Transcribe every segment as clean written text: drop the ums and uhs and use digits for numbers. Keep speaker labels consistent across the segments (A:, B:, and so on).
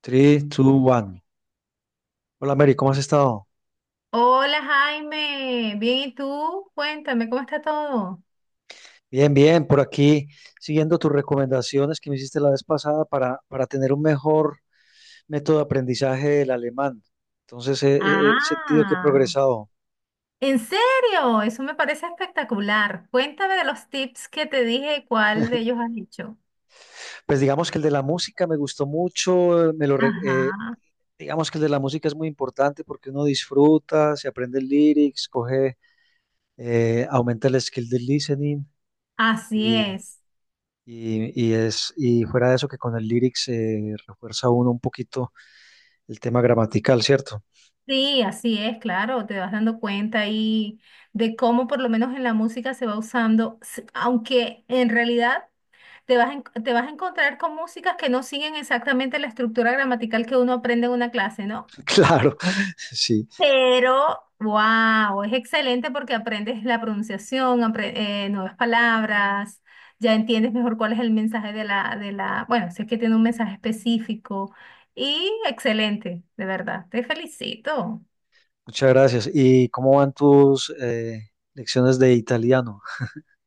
A: 3, 2, 1. Hola Mary, ¿cómo has estado?
B: Hola Jaime, bien, ¿y tú? Cuéntame, ¿cómo está todo?
A: Bien, bien, por aquí siguiendo tus recomendaciones que me hiciste la vez pasada para tener un mejor método de aprendizaje del alemán. Entonces he sentido que he
B: Ah,
A: progresado.
B: ¿en serio? Eso me parece espectacular. Cuéntame de los tips que te dije cuál de ellos has hecho.
A: Pues digamos que el de la música me gustó mucho,
B: Ajá,
A: digamos que el de la música es muy importante porque uno disfruta, se aprende el lyrics, coge, aumenta el skill del listening
B: así
A: y,
B: es.
A: y fuera de eso que con el lyrics se refuerza uno un poquito el tema gramatical, ¿cierto?
B: Sí, así es, claro, te vas dando cuenta ahí de cómo por lo menos en la música se va usando, aunque en realidad te vas a encontrar con músicas que no siguen exactamente la estructura gramatical que uno aprende en una clase, ¿no?
A: Claro, sí.
B: Pero, wow, es excelente porque aprendes la pronunciación, nuevas palabras, ya entiendes mejor cuál es el mensaje de la, bueno, si es que tiene un mensaje específico, y excelente, de verdad, te felicito.
A: Muchas gracias. ¿Y cómo van tus lecciones de italiano?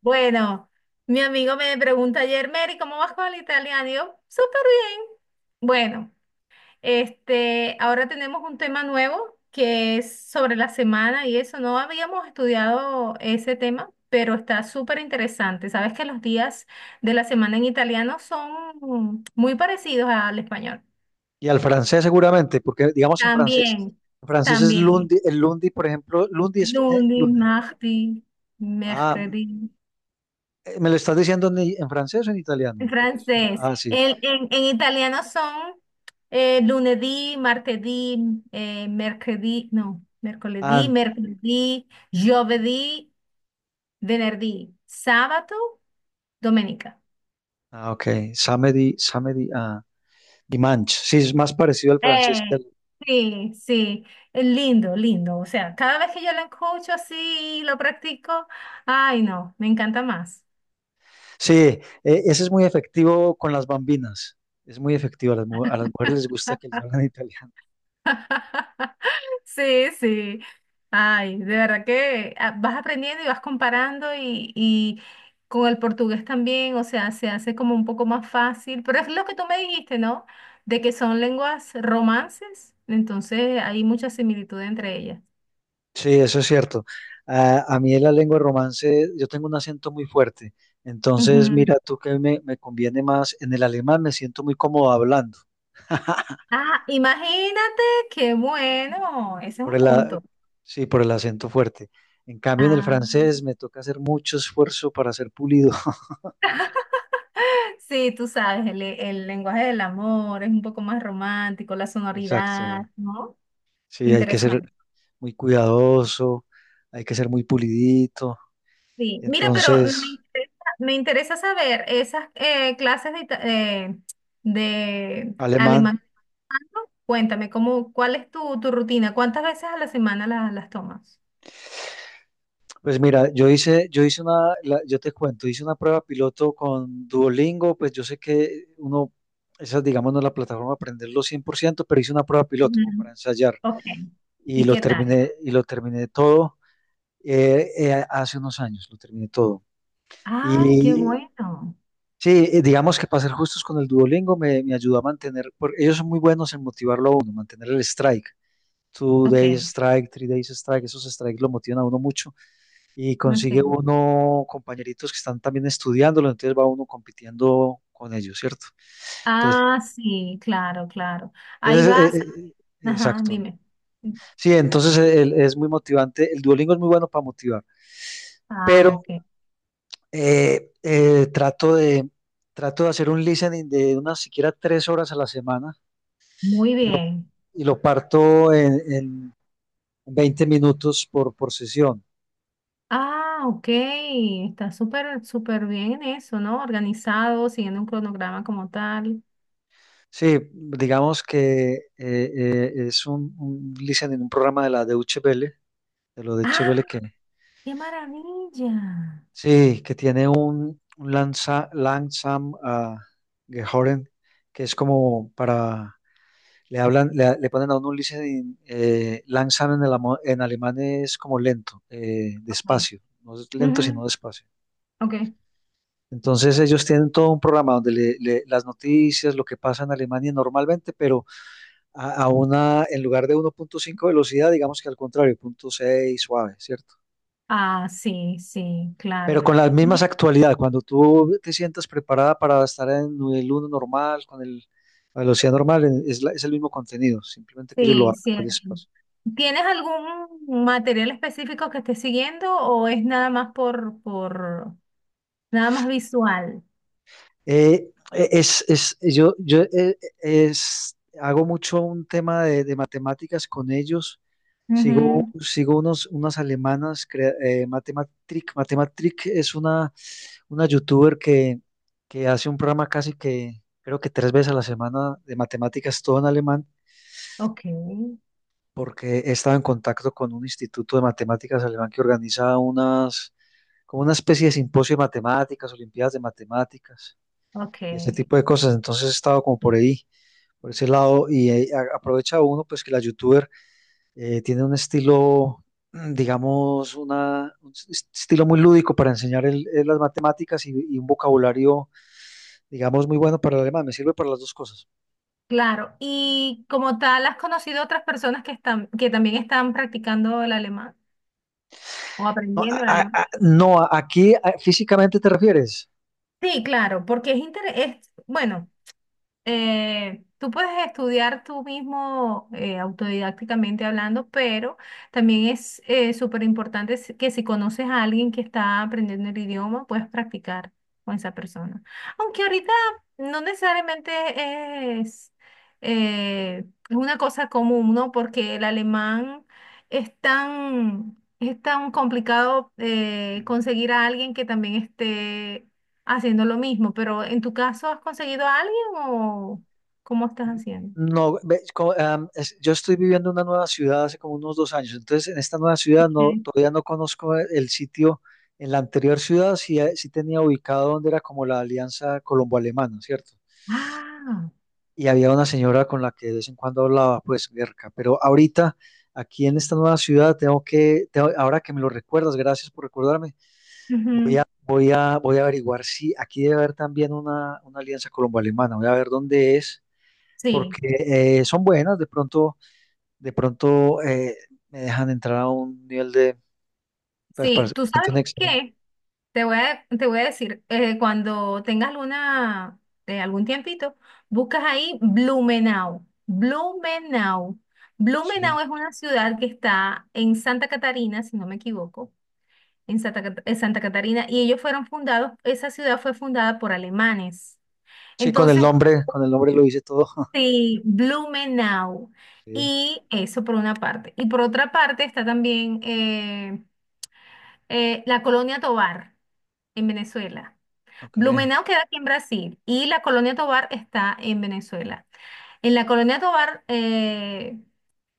B: Bueno, mi amigo me pregunta ayer, Mary, ¿cómo vas con el italiano? Y yo, súper bien. Bueno. Ahora tenemos un tema nuevo que es sobre la semana y eso. No habíamos estudiado ese tema, pero está súper interesante. Sabes que los días de la semana en italiano son muy parecidos al español.
A: Y al francés seguramente, porque digamos en francés,
B: También,
A: en francés es
B: también.
A: lundi, el lundi, por ejemplo, lundi es
B: Lunes,
A: lundi.
B: martes,
A: Ah,
B: mercredi.
A: ¿me lo estás diciendo en francés o en italiano?
B: En
A: Porque,
B: francés.
A: ah, sí.
B: En italiano son lunedì, martedì, mercredì, no,
A: Ah,
B: mercoledì, giovedì, venerdì, sabato, domenica.
A: ah, ok. Samedi, samedi, ah. Dimanche. Sí, es más parecido al francés que
B: Eh,
A: al...
B: sí, sí, es lindo, lindo. O sea, cada vez que yo lo escucho así y lo practico, ay, no, me encanta más.
A: Sí, ese es muy efectivo con las bambinas. Es muy efectivo. A las mujeres les gusta que les hablen en italiano.
B: Sí, sí. Ay, de verdad que vas aprendiendo y vas comparando y con el portugués también, o sea, se hace como un poco más fácil, pero es lo que tú me dijiste, ¿no? De que son lenguas romances, entonces hay mucha similitud entre ellas.
A: Sí, eso es cierto. A mí, en la lengua romance, yo tengo un acento muy fuerte. Entonces,
B: Ujú.
A: mira tú que me conviene más. En el alemán me siento muy cómodo hablando,
B: Ah, imagínate, qué bueno, ese es
A: por
B: un
A: el, a-
B: punto.
A: sí, por el acento fuerte. En cambio, en el
B: Ah,
A: francés me toca hacer mucho esfuerzo para ser pulido.
B: sí, tú sabes, el lenguaje del amor es un poco más romántico, la
A: Exacto.
B: sonoridad, ¿no?
A: Sí, hay que ser
B: Interesante.
A: muy cuidadoso, hay que ser muy pulidito.
B: Sí, mira, pero
A: Entonces,
B: me interesa saber esas clases de, de
A: alemán.
B: alemán. Cuéntame, ¿cuál es tu rutina? ¿Cuántas veces a la semana las tomas?
A: Pues mira, yo hice yo te cuento, hice una prueba piloto con Duolingo, pues yo sé que uno, esa digamos no es la plataforma para aprenderlo 100%, pero hice una prueba piloto como
B: Ujú.
A: para ensayar
B: Ok.
A: y
B: ¿Y
A: lo
B: qué tal?
A: terminé, y lo terminé todo, hace unos años, lo terminé todo.
B: Ay, qué
A: Y
B: bueno.
A: sí, digamos que, para ser justos con el Duolingo, me ayudó a mantener, porque ellos son muy buenos en motivarlo a uno, mantener el strike, two
B: Ok,
A: days strike, three days strike, esos strikes lo motivan a uno mucho y consigue
B: ok.
A: uno compañeritos que están también estudiándolo, entonces va uno compitiendo con ellos, ¿cierto? Entonces,
B: Ah, sí, claro, claro. Ahí
A: es- eh,
B: vas.
A: eh,
B: Ajá,
A: exacto.
B: dime.
A: Sí, entonces, es muy motivante, el Duolingo es muy bueno para motivar,
B: Ah,
A: pero
B: ok.
A: eh, eh, trato de, trato de hacer un listening de unas siquiera 3 horas a la semana
B: Muy
A: y lo,
B: bien.
A: y lo parto en 20 minutos por sesión.
B: Ah, ok. Está súper, súper bien eso, ¿no? Organizado, siguiendo un cronograma como tal.
A: Sí, digamos que, es, un listening, un programa de la Deutsche Welle, de lo de
B: ¡Ah!
A: Chevelle, que
B: ¡Qué maravilla!
A: sí, que tiene un lanza, Langsam Gehoren, que es como para, le hablan, le ponen a uno un listening, Langsam en alemán es como lento,
B: Ok.
A: despacio, no es lento sino
B: Ujú,
A: despacio.
B: ok.
A: Entonces ellos tienen todo un programa donde las noticias, lo que pasa en Alemania normalmente, pero, a una, en lugar de 1.5 velocidad, digamos que al contrario, 0.6 suave, ¿cierto?
B: Ah, sí, sí,
A: Pero
B: claro.
A: con las mismas
B: Y-
A: actualidades, cuando tú te sientas preparada para estar en el uno normal, la velocidad normal, es el mismo contenido, simplemente que ellos lo
B: Sí,
A: hagan con
B: cierto.
A: espacio.
B: ¿Tienes algún material específico que estés siguiendo o es nada más nada más visual?
A: Es, yo yo es, Hago mucho un tema de matemáticas con ellos. Sigo,
B: Ujú,
A: sigo unas alemanas, Matematrick. Matematrick es una youtuber que hace un programa casi que, creo que, 3 veces a la semana de matemáticas, todo en alemán
B: ok,
A: porque he estado en contacto con un instituto de matemáticas alemán que organiza como una especie de simposio de matemáticas, olimpiadas de matemáticas
B: ok.
A: y ese tipo de cosas. Entonces he estado como por ahí, por ese lado, y aprovecha uno, pues, que la youtuber tiene un estilo, digamos, estilo muy lúdico para enseñar las matemáticas y un vocabulario, digamos, muy bueno para el alemán. Me sirve para las dos cosas.
B: Claro, y como tal, ¿has conocido otras personas que están, que también están practicando el alemán o
A: No, a-
B: aprendiendo el
A: a-
B: alemán?
A: a- no, a- aquí a- físicamente te refieres.
B: Sí, claro, porque es, es bueno, tú puedes estudiar tú mismo autodidácticamente hablando, pero también es súper importante que si conoces a alguien que está aprendiendo el idioma, puedes practicar con esa persona. Aunque ahorita no necesariamente eh, es una cosa común, ¿no? Porque el alemán es tan... Es tan complicado conseguir a alguien que también esté haciendo lo mismo, pero en tu caso, ¿has conseguido a alguien o cómo estás haciendo?
A: No, ve, yo estoy viviendo en una nueva ciudad hace como unos 2 años, entonces en esta nueva ciudad no,
B: Sí.
A: todavía no conozco el sitio. En la anterior ciudad sí, sí tenía ubicado donde era, como la alianza colombo-alemana, ¿cierto?
B: Ah,
A: Y había una señora con la que de vez en cuando hablaba, pues, cerca. Pero ahorita, aquí en esta nueva ciudad, tengo que, ahora que me lo recuerdas, gracias por recordarme, voy
B: ujú,
A: a, voy a, voy a averiguar si aquí debe haber también una alianza colombo-alemana, voy a ver dónde es,
B: sí,
A: porque, son buenas, de pronto me dejan entrar a un nivel de, pues, para
B: sí,
A: ser
B: tú
A: un
B: sabes
A: excelente.
B: qué, te voy a decir, cuando tengas alguna, algún tiempito, buscas ahí Blumenau, Blumenau.
A: Sí.
B: Blumenau es una ciudad que está en Santa Catarina, si no me equivoco, en en Santa Catarina, y ellos fueron fundados, esa ciudad fue fundada por alemanes.
A: Sí, con el
B: Entonces,
A: nombre, con el nombre lo hice todo.
B: sí, Blumenau.
A: Sí,
B: Y eso por una parte. Y por otra parte está también la Colonia Tovar en Venezuela.
A: ok,
B: Blumenau queda aquí en Brasil y la Colonia Tovar está en Venezuela. En la Colonia Tovar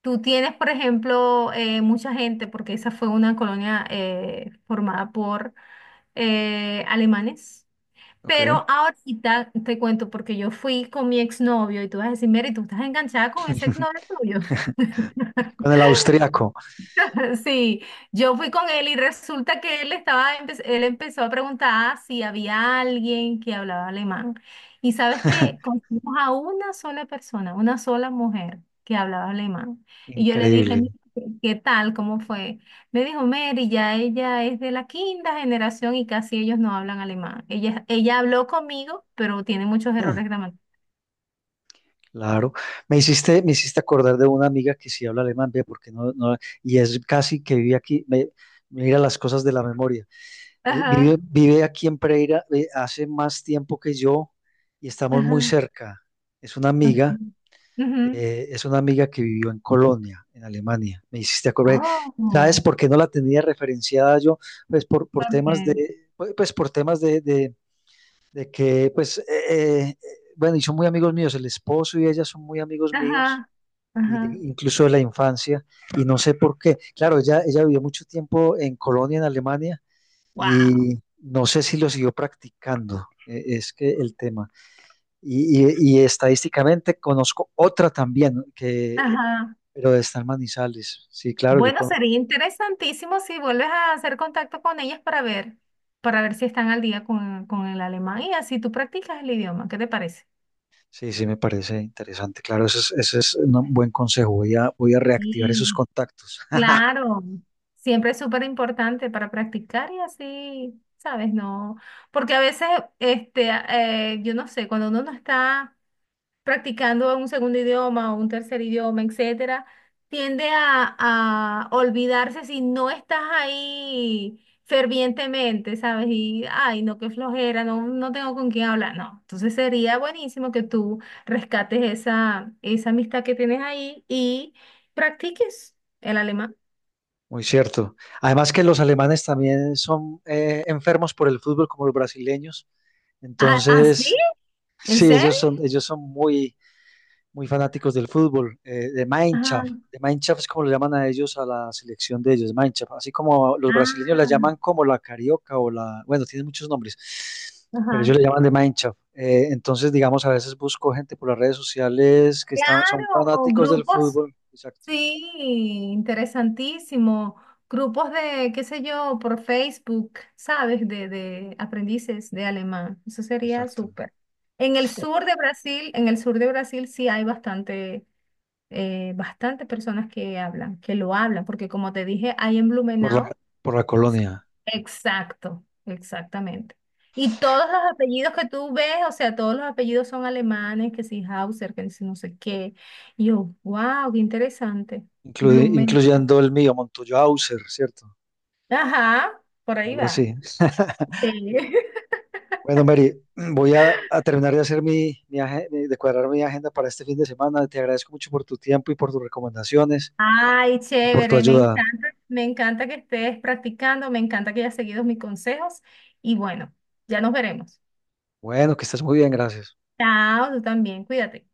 B: tú tienes, por ejemplo, mucha gente, porque esa fue una colonia formada por alemanes, pero
A: ok.
B: ahorita te cuento porque yo fui con mi exnovio y tú vas a decir, Mary, tú estás enganchada con ese exnovio tuyo.
A: Con el austríaco.
B: Sí, yo fui con él y resulta que él estaba, él empezó a preguntar si había alguien que hablaba alemán. Y sabes que conocimos a una sola persona, una sola mujer que hablaba alemán. Y yo le dije,
A: Increíble.
B: "Mira, ¿qué tal? ¿Cómo fue? Me dijo, Mary, ya ella es de la quinta generación y casi ellos no hablan alemán. Ella habló conmigo, pero tiene muchos
A: Mm,
B: errores.
A: claro. Me hiciste acordar de una amiga que sí habla alemán, ve, porque no, no, y es casi que vive aquí. Mira las cosas de la memoria. Eh, vive,
B: Ajá,
A: vive aquí en Pereira, hace más tiempo que yo y estamos muy
B: ajá,
A: cerca. Es una
B: ok.
A: amiga.
B: Ujú.
A: Es una amiga que vivió en Colonia, en Alemania. Me hiciste acordar. ¿Sabes
B: Oh,
A: por qué no la tenía referenciada yo? Pues por temas
B: ok.
A: de, pues por temas de que, pues, bueno, y son muy amigos míos, el esposo y ella son muy amigos míos,
B: Ajá,
A: y
B: ajá.
A: incluso de la infancia, y no sé por qué. Claro, ella vivió mucho tiempo en Colonia, en Alemania,
B: Wow.
A: y no sé si lo siguió practicando, es que el tema. Y, y estadísticamente conozco otra también, que
B: Ajá.
A: pero está en Manizales. Sí, claro, yo
B: Bueno,
A: con...
B: sería interesantísimo si vuelves a hacer contacto con ellas para ver si están al día con el alemán y así tú practicas el idioma. ¿Qué te parece?
A: Sí, sí, me parece interesante. Claro, ese es un buen consejo. Voy a reactivar
B: Sí,
A: esos contactos.
B: claro. Siempre es súper importante para practicar y así, ¿sabes? No, porque a veces, yo no sé, cuando uno no está practicando un segundo idioma o un tercer idioma, etcétera, tiende a olvidarse si no estás ahí fervientemente, ¿sabes? Y, ay, no, qué flojera, no, no tengo con quién hablar, no. Entonces sería buenísimo que tú rescates esa amistad que tienes ahí y practiques el alemán.
A: Muy cierto. Además, que los alemanes también son, enfermos por el fútbol como los brasileños.
B: ¿Ah, ah, sí?
A: Entonces,
B: ¿En
A: sí,
B: serio?
A: ellos son muy, muy fanáticos del fútbol, de
B: Ajá.
A: Mineshaft. De Mineshaft es como le llaman a ellos, a la selección de ellos, Mineshaft. Así como los brasileños la
B: Ah,
A: llaman como la carioca o bueno, tienen muchos nombres, pero ellos
B: ajá.
A: le llaman de Mineshaft. Entonces, digamos, a veces busco gente por las redes sociales, que son
B: Claro,
A: fanáticos del
B: grupos,
A: fútbol. Exacto,
B: sí, interesantísimo. Grupos de, qué sé yo, por Facebook, ¿sabes? De aprendices de alemán. Eso sería
A: exacto.
B: súper. En el sur de Brasil, en el sur de Brasil sí hay bastante, bastante personas que hablan, que lo hablan, porque como te dije, hay en
A: Por la,
B: Blumenau.
A: por la colonia,
B: Exacto, exactamente. Y todos los apellidos que tú ves, o sea, todos los apellidos son alemanes, que si Hauser, que si no sé qué. Y yo, wow, qué interesante. Blumen.
A: incluyendo el mío, Montoya Auser, ¿cierto?
B: Ajá, por ahí
A: Algo
B: va.
A: así.
B: Sí.
A: Bueno, Mary, voy a terminar de hacer de cuadrar mi agenda para este fin de semana. Te agradezco mucho por tu tiempo y por tus recomendaciones
B: Ay,
A: y por tu
B: chévere,
A: ayuda.
B: me encanta que estés practicando, me encanta que hayas seguido mis consejos y bueno, ya nos veremos.
A: Bueno, que estés muy bien, gracias.
B: Chao, tú también, cuídate.